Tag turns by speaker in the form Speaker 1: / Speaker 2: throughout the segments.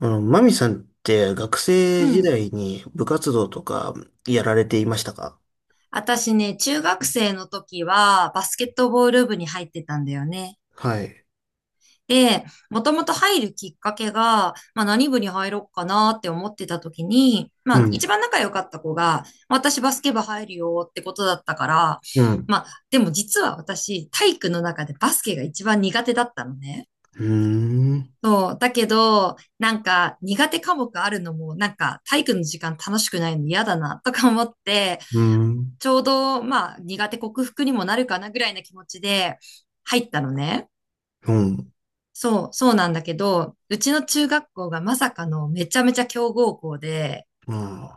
Speaker 1: マミさんって学
Speaker 2: う
Speaker 1: 生時
Speaker 2: ん。
Speaker 1: 代に部活動とかやられていましたか？
Speaker 2: 私ね、中学生の時はバスケットボール部に入ってたんだよね。
Speaker 1: はい。
Speaker 2: で、もともと入るきっかけが、まあ何部に入ろうかなって思ってた時に、ま
Speaker 1: う
Speaker 2: あ
Speaker 1: ん。
Speaker 2: 一番仲良かった子が、私バスケ部入るよってことだったから、
Speaker 1: うん。
Speaker 2: まあでも実は私体育の中でバスケが一番苦手だったのね。
Speaker 1: うーん。
Speaker 2: そう。だけど、なんか苦手科目あるのも、なんか体育の時間楽しくないの嫌だなとか思って、
Speaker 1: うーん。
Speaker 2: ちょうど、まあ、苦手克服にもなるかなぐらいな気持ちで入ったのね。
Speaker 1: うん。
Speaker 2: そう、そうなんだけど、うちの中学校がまさかのめちゃめちゃ強豪校で、
Speaker 1: うん。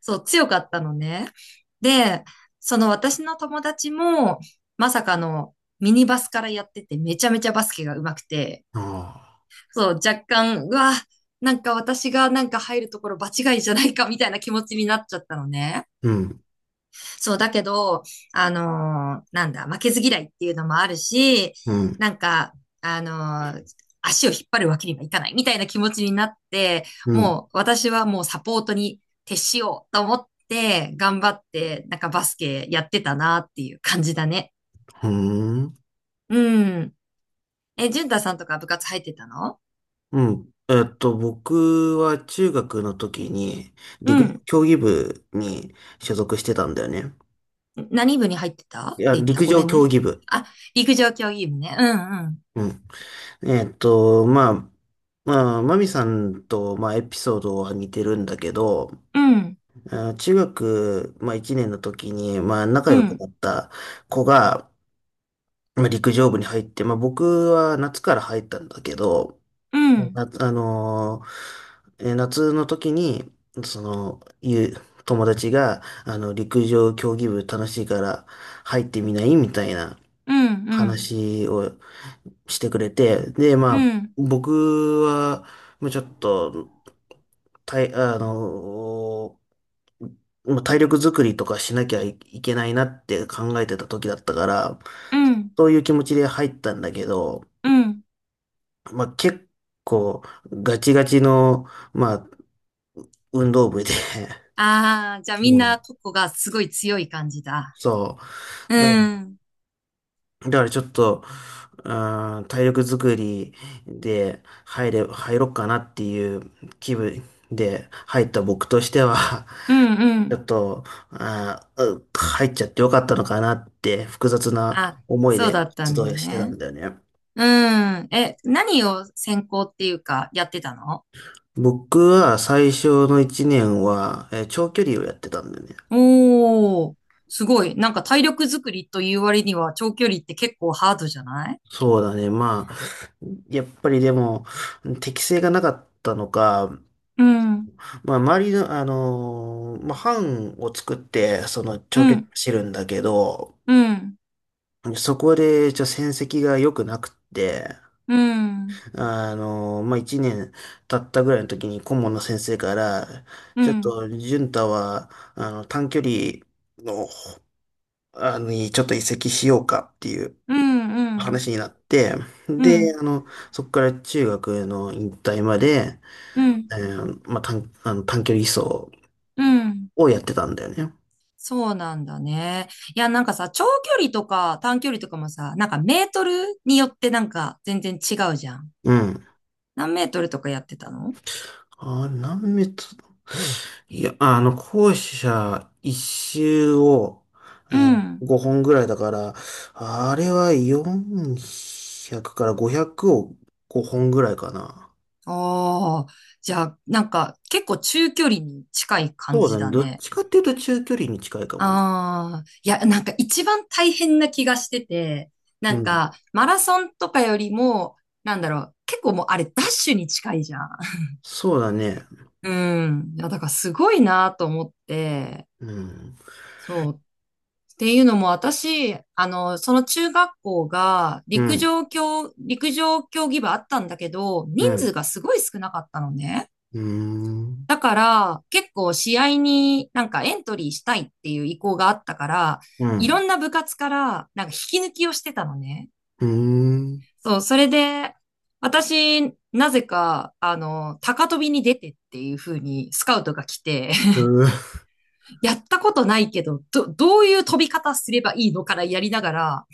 Speaker 2: そう、強かったのね。で、その私の友達も、まさかのミニバスからやってて、めちゃめちゃバスケが上手くて、
Speaker 1: あ
Speaker 2: そう、若干、うわ、なんか私がなんか入るところ場違いじゃないかみたいな気持ちになっちゃったのね。
Speaker 1: ーうん。
Speaker 2: そう、だけど、あのーなんだ、負けず嫌いっていうのもあるし、
Speaker 1: うん。
Speaker 2: なんか、あのー足を引っ張るわけにはいかないみたいな気持ちになって、
Speaker 1: うん。
Speaker 2: もう私はもうサポートに徹しようと思って頑張って、なんかバスケやってたなっていう感じだね。
Speaker 1: うん。
Speaker 2: うん。え、淳太さんとか部活入ってたの？
Speaker 1: うん。僕は中学の時に
Speaker 2: う
Speaker 1: 陸上
Speaker 2: ん。
Speaker 1: 競技部に所属してたんだよね。
Speaker 2: 何部に入ってたっ
Speaker 1: い
Speaker 2: て
Speaker 1: や、
Speaker 2: 言った？
Speaker 1: 陸
Speaker 2: ごめ
Speaker 1: 上
Speaker 2: ん
Speaker 1: 競
Speaker 2: ね。
Speaker 1: 技部。
Speaker 2: あ、陸上競技部ね。うんうん。
Speaker 1: うん。えっと、まあ、まあ、マミさんと、まあ、エピソードは似てるんだけど、
Speaker 2: うん。
Speaker 1: 中学、まあ、1年の時に、まあ、仲
Speaker 2: う
Speaker 1: 良く
Speaker 2: ん。
Speaker 1: なった子が、まあ、陸上部に入って、まあ、僕は夏から入ったんだけど、
Speaker 2: うん。
Speaker 1: な、あのーえー夏の時に、その、いう友達が、陸上競技部楽しいから入ってみないみたいな
Speaker 2: うん。うん。
Speaker 1: 話をしてくれて、で、
Speaker 2: う
Speaker 1: まあ、
Speaker 2: ん。
Speaker 1: 僕は、まあ、ちょっと、たい、あのもう体力作りとかしなきゃいいけないなって考えてた時だったから、
Speaker 2: うん、
Speaker 1: そういう気持ちで入ったんだけど、
Speaker 2: うん、
Speaker 1: まあ結構ガチガチの、まあ、運動部で
Speaker 2: ああ、じゃあ みん
Speaker 1: う
Speaker 2: な
Speaker 1: ん、
Speaker 2: 個々がすごい強い感じ だ。
Speaker 1: そう。だ
Speaker 2: う
Speaker 1: か
Speaker 2: ん。
Speaker 1: ら、だからちょっと、うーん、体力作りで入ろっかなっていう気分で入った僕としては、
Speaker 2: うん、う
Speaker 1: ちょ
Speaker 2: ん。
Speaker 1: っと、入っちゃってよかったのかなって複雑な
Speaker 2: あ、
Speaker 1: 思い
Speaker 2: そうだ
Speaker 1: で
Speaker 2: った
Speaker 1: 活
Speaker 2: んだ
Speaker 1: 動してた
Speaker 2: ね。
Speaker 1: んだよね。
Speaker 2: うん。え、何を専攻っていうかやってたの？
Speaker 1: 僕は最初の1年は、長距離をやってたんだよね。
Speaker 2: おー、すごい。なんか体力作りという割には長距離って結構ハードじゃない？
Speaker 1: そうだね。まあ、やっぱりでも、適性がなかったのか、
Speaker 2: うん、
Speaker 1: まあ、周りの、まあ、班を作って、その
Speaker 2: う
Speaker 1: 長距離
Speaker 2: ん、
Speaker 1: 走るんだけど、
Speaker 2: うん、
Speaker 1: そこで、戦績が良くなくって、
Speaker 2: うん、
Speaker 1: まあ、一年経ったぐらいの時に顧問の先生から、
Speaker 2: う
Speaker 1: ち
Speaker 2: ん、
Speaker 1: ょ
Speaker 2: う
Speaker 1: っ
Speaker 2: ん、
Speaker 1: と、潤太は、短距離の、あの、にちょっと移籍しようかっていう
Speaker 2: うん、うん、
Speaker 1: 話になって、
Speaker 2: う
Speaker 1: で、
Speaker 2: ん、
Speaker 1: そこから中学の引退まで、
Speaker 2: うん。
Speaker 1: まあ、短、あの、短距離走
Speaker 2: うん、
Speaker 1: をやってたんだよね。
Speaker 2: そうなんだね。いや、なんかさ、長距離とか短距離とかもさ、なんかメートルによってなんか全然違うじゃん。
Speaker 1: うん。
Speaker 2: 何メートルとかやってたの？
Speaker 1: あれ、何メートル？いや、校舎一周を、
Speaker 2: う
Speaker 1: うん、
Speaker 2: ん。
Speaker 1: 5本ぐらいだから、あれは400から500を5本ぐらいかな。
Speaker 2: ああ、じゃあ、なんか結構中距離に近い感
Speaker 1: そうだ
Speaker 2: じだ
Speaker 1: ね。どっ
Speaker 2: ね。
Speaker 1: ちかっていうと中距離に近いかもね。
Speaker 2: ああ、いや、なんか一番大変な気がしてて、
Speaker 1: う
Speaker 2: なん
Speaker 1: ん。
Speaker 2: かマラソンとかよりも、なんだろう、結構もうあれダッシュに近いじゃん。
Speaker 1: そうだね。
Speaker 2: うん。いや、だからすごいなと思って、
Speaker 1: うん。
Speaker 2: そう。っていうのも私、あの、その中学校が
Speaker 1: うん。
Speaker 2: 陸上競技部あったんだけど、
Speaker 1: う
Speaker 2: 人数
Speaker 1: ん。
Speaker 2: がすごい少なかったのね。
Speaker 1: うーん。
Speaker 2: だから結構試合になんかエントリーしたいっていう意向があったから、
Speaker 1: う
Speaker 2: いろ
Speaker 1: ん。
Speaker 2: んな部活からなんか引き抜きをしてたのね。
Speaker 1: うーん。
Speaker 2: そう、それで私、なぜか、あの、高跳びに出てっていう風にスカウトが来て、
Speaker 1: う
Speaker 2: やったことないけど、どういう飛び方すればいいのからやりながら、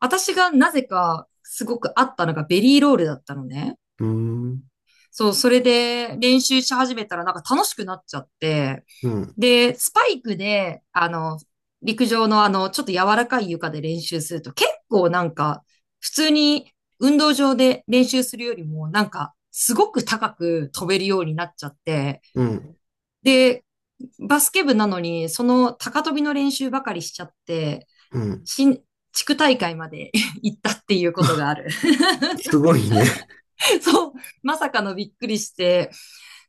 Speaker 2: 私がなぜかすごく合ったのがベリーロールだったのね。
Speaker 1: ーん。
Speaker 2: そう、それで練習し始めたらなんか楽しくなっちゃって、
Speaker 1: うん。
Speaker 2: で、スパイクで、あの、陸上のあの、ちょっと柔らかい床で練習すると結構なんか、普通に運動場で練習するよりもなんか、すごく高く飛べるようになっちゃって、
Speaker 1: うん。
Speaker 2: で、バスケ部なのに、その高跳びの練習ばかりしちゃって、
Speaker 1: うん。
Speaker 2: 新、地区大会まで 行ったっていうことがある。
Speaker 1: すごいね。
Speaker 2: そう、まさかのびっくりして、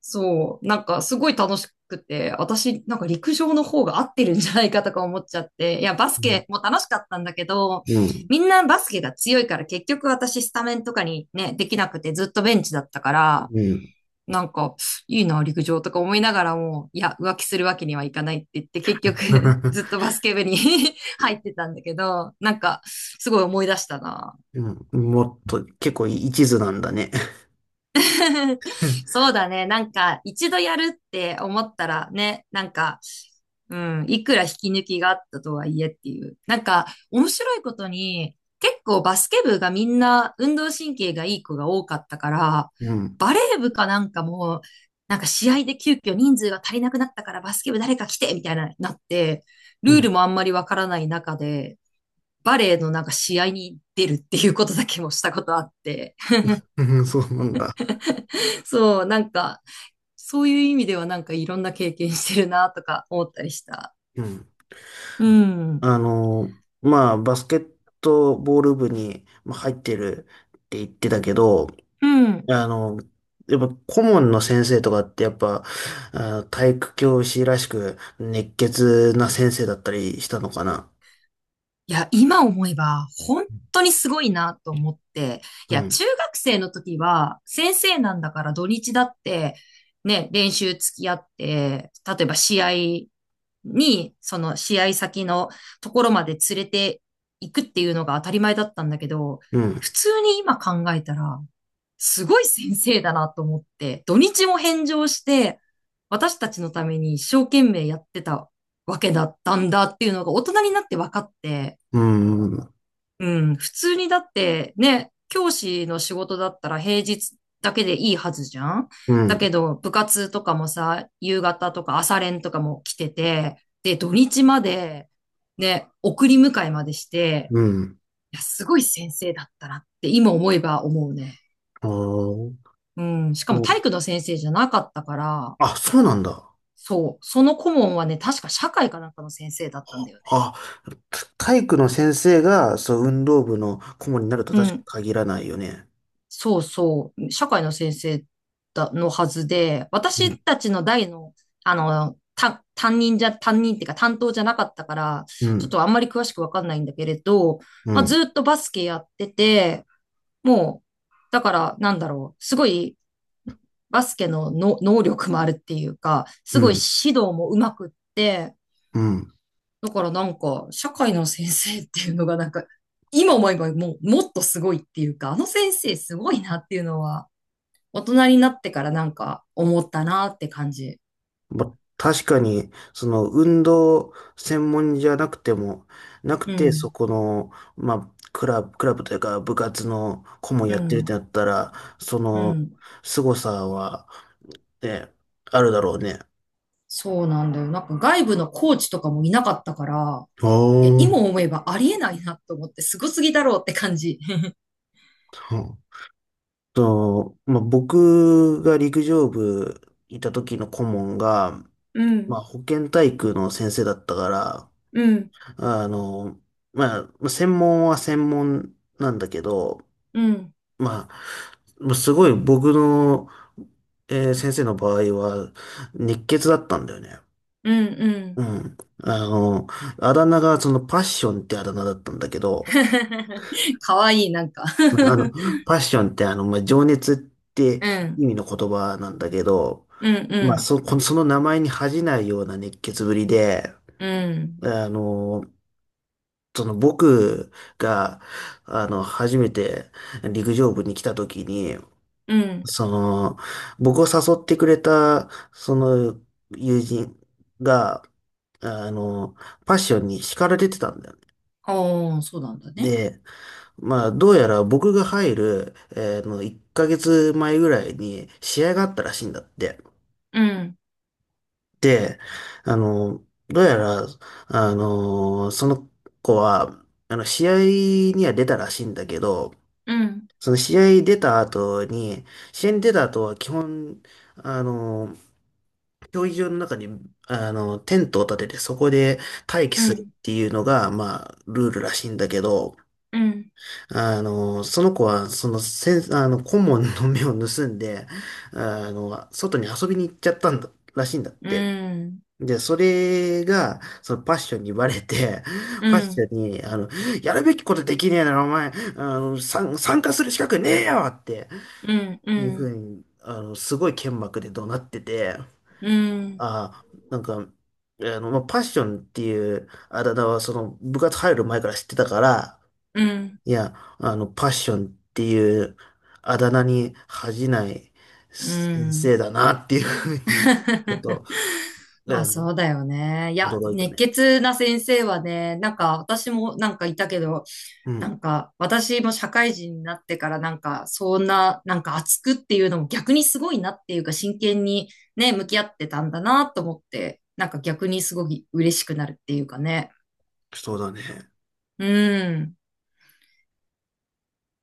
Speaker 2: そう、なんかすごい楽しくて、私なんか陸上の方が合ってるんじゃないかとか思っちゃって、いや、バス
Speaker 1: うん。
Speaker 2: ケも楽しかったんだけど、
Speaker 1: うん。
Speaker 2: みんなバスケが強いから結局私スタメンとかにね、できなくてずっとベンチだったから、
Speaker 1: うん。
Speaker 2: なんか、いいな、陸上とか思いながらも、いや、浮気するわけにはいかないって言って、結局 ずっとバスケ部に 入ってたんだけど、なんか、すごい思い出したな。
Speaker 1: うん、もっと、結構一途なんだね。うん、
Speaker 2: そうだね。なんか、一度やるって思ったらね、なんか、うん、いくら引き抜きがあったとはいえっていう。なんか、面白いことに、結構バスケ部がみんな運動神経がいい子が多かったから、バレー部かなんかも、なんか試合で急遽人数が足りなくなったからバスケ部誰か来てみたいな、なって、
Speaker 1: う
Speaker 2: ルー
Speaker 1: ん、
Speaker 2: ルもあんまりわからない中で、バレーのなんか試合に出るっていうことだけもしたことあって、
Speaker 1: うん、そうなんだ。
Speaker 2: そう、なんか、そういう意味ではなんかいろんな経験してるなとか思ったりした。
Speaker 1: うん。
Speaker 2: うん。
Speaker 1: あの、まあ、バスケットボール部にまあ入ってるって言ってたけど、
Speaker 2: うん。
Speaker 1: あの、やっぱ顧問の先生とかってやっぱ、あ、体育教師らしく熱血な先生だったりしたのかな？
Speaker 2: いや、今思えば本当にすごいなと思って。い
Speaker 1: う
Speaker 2: や、
Speaker 1: ん、
Speaker 2: 中学生の時は先生なんだから土日だってね、練習付き合って、例えば試合に、その試合先のところまで連れて行くっていうのが当たり前だったんだけど、
Speaker 1: うん、
Speaker 2: 普通に今考えたら、すごい先生だなと思って、土日も返上して、私たちのために一生懸命やってたわけだったんだっていうのが大人になって分かって、
Speaker 1: うん、
Speaker 2: うん、普通にだってね、教師の仕事だったら平日だけでいいはずじゃん。
Speaker 1: う
Speaker 2: だけ
Speaker 1: ん、
Speaker 2: ど部活とかもさ、夕方とか朝練とかも来てて、で、土日までね、送り迎えまでして、
Speaker 1: うん。
Speaker 2: いや、すごい先生だったなって今思えば思うね。
Speaker 1: ああ、
Speaker 2: うん、しかも
Speaker 1: そう。
Speaker 2: 体育の先生じゃなかったから、
Speaker 1: あ、そうなんだ。
Speaker 2: そう、その顧問はね、確か社会かなんかの先生だったんだよね。
Speaker 1: あ、体育の先生が、そう、運動部の顧問になると
Speaker 2: う
Speaker 1: 確かに
Speaker 2: ん、
Speaker 1: 限らないよね。
Speaker 2: そうそう、社会の先生だのはずで、
Speaker 1: うん、
Speaker 2: 私たちの代の、あの、た担任じゃ、担任っていうか担当じゃなかったから、
Speaker 1: う
Speaker 2: ちょっ
Speaker 1: ん、
Speaker 2: とあんまり詳しくわかんないんだけれど、
Speaker 1: う
Speaker 2: まあ、
Speaker 1: ん、
Speaker 2: ずっとバスケやってて、もう、だから、なんだろう、すごいバスケの能力もあるっていうか、
Speaker 1: う
Speaker 2: すごい
Speaker 1: ん、
Speaker 2: 指導もうまくって、
Speaker 1: うん。
Speaker 2: だからなんか、社会の先生っていうのがなんか、今思えばもう、もっとすごいっていうか、あの先生すごいなっていうのは、大人になってからなんか思ったなって感じ。
Speaker 1: ま、確かに、その、運動専門じゃなくても、なく
Speaker 2: う
Speaker 1: て、そ
Speaker 2: ん、
Speaker 1: この、まあ、クラブというか、部活の顧問
Speaker 2: う
Speaker 1: やってるって
Speaker 2: ん、
Speaker 1: なったら、そ
Speaker 2: う
Speaker 1: の、
Speaker 2: ん。
Speaker 1: 凄さは、ね、あるだろうね。
Speaker 2: そうなんだよ。なんか外部のコーチとかもいなかったから、
Speaker 1: お
Speaker 2: いや、今
Speaker 1: ー。
Speaker 2: 思えばありえないなと思って、すごすぎだろうって感じ。
Speaker 1: うんまあ、僕が陸上部いた時の顧問が、
Speaker 2: う
Speaker 1: まあ、
Speaker 2: ん、
Speaker 1: 保健体育の先生だったから、
Speaker 2: うん、
Speaker 1: あの、まあ専門は専門なんだけど、
Speaker 2: うん、
Speaker 1: まあ、まあすごい僕の、先生の場合は、熱血だったんだよね。
Speaker 2: うん、う
Speaker 1: う
Speaker 2: ん。
Speaker 1: ん。あの、あだ名がそのパッションってあだ名だったんだけど、
Speaker 2: かわいい、なんか
Speaker 1: あの、パッションってまあ、情熱っ て
Speaker 2: うん、
Speaker 1: 意味の言葉なんだけど、
Speaker 2: うん、う
Speaker 1: まあ、
Speaker 2: ん、
Speaker 1: その名前に恥じないような熱血ぶりで、
Speaker 2: うん、
Speaker 1: あの、その僕が、初めて陸上部に来た時に、
Speaker 2: うん。
Speaker 1: その、僕を誘ってくれた、その、友人が、あの、パッションに叱られてたんだよね。
Speaker 2: ああ、そうなんだね。
Speaker 1: で、まあ、どうやら僕が入る、えーの、1ヶ月前ぐらいに試合があったらしいんだって。
Speaker 2: うん、
Speaker 1: で、あの、どうやら、その子は、試合には出たらしいんだけど、
Speaker 2: うん、
Speaker 1: その試合に出た後に、試合に出た後は基本、あの、競技場の中に、テントを立ててそこで待機
Speaker 2: う
Speaker 1: するっ
Speaker 2: ん、
Speaker 1: ていうのが、まあ、ルールらしいんだけど、
Speaker 2: うん、
Speaker 1: その子は、その、せん、あの、顧問の目を盗んで、外に遊びに行っちゃったんだ、らしいんだっ
Speaker 2: う
Speaker 1: て。
Speaker 2: ん、
Speaker 1: で、それが、そのパッションにバレて、
Speaker 2: う
Speaker 1: パッ
Speaker 2: ん、う
Speaker 1: シ
Speaker 2: ん、
Speaker 1: ョンに、やるべきことできねえなら、お前、参加する資格ねえよって
Speaker 2: う
Speaker 1: いうふ
Speaker 2: ん、
Speaker 1: うに、すごい剣幕で怒鳴ってて、
Speaker 2: うん。
Speaker 1: ああ、なんか、まあ、パッションっていうあだ名は、その、部活入る前から知ってたから、
Speaker 2: うん、
Speaker 1: いや、パッションっていうあだ名に恥じない
Speaker 2: う
Speaker 1: 先
Speaker 2: ん。
Speaker 1: 生だなっていうふうに、ちょっ と、あ
Speaker 2: まあ
Speaker 1: の、
Speaker 2: そうだよね。いや、
Speaker 1: 驚いた
Speaker 2: 熱
Speaker 1: ね。
Speaker 2: 血な先生はね、なんか私もなんかいたけど、
Speaker 1: う
Speaker 2: な
Speaker 1: ん、
Speaker 2: んか私も社会人になってからなんかそんな、なんか熱くっていうのも逆にすごいなっていうか真剣にね、向き合ってたんだなと思って、なんか逆にすごい嬉しくなるっていうかね。
Speaker 1: そうだね。
Speaker 2: うん。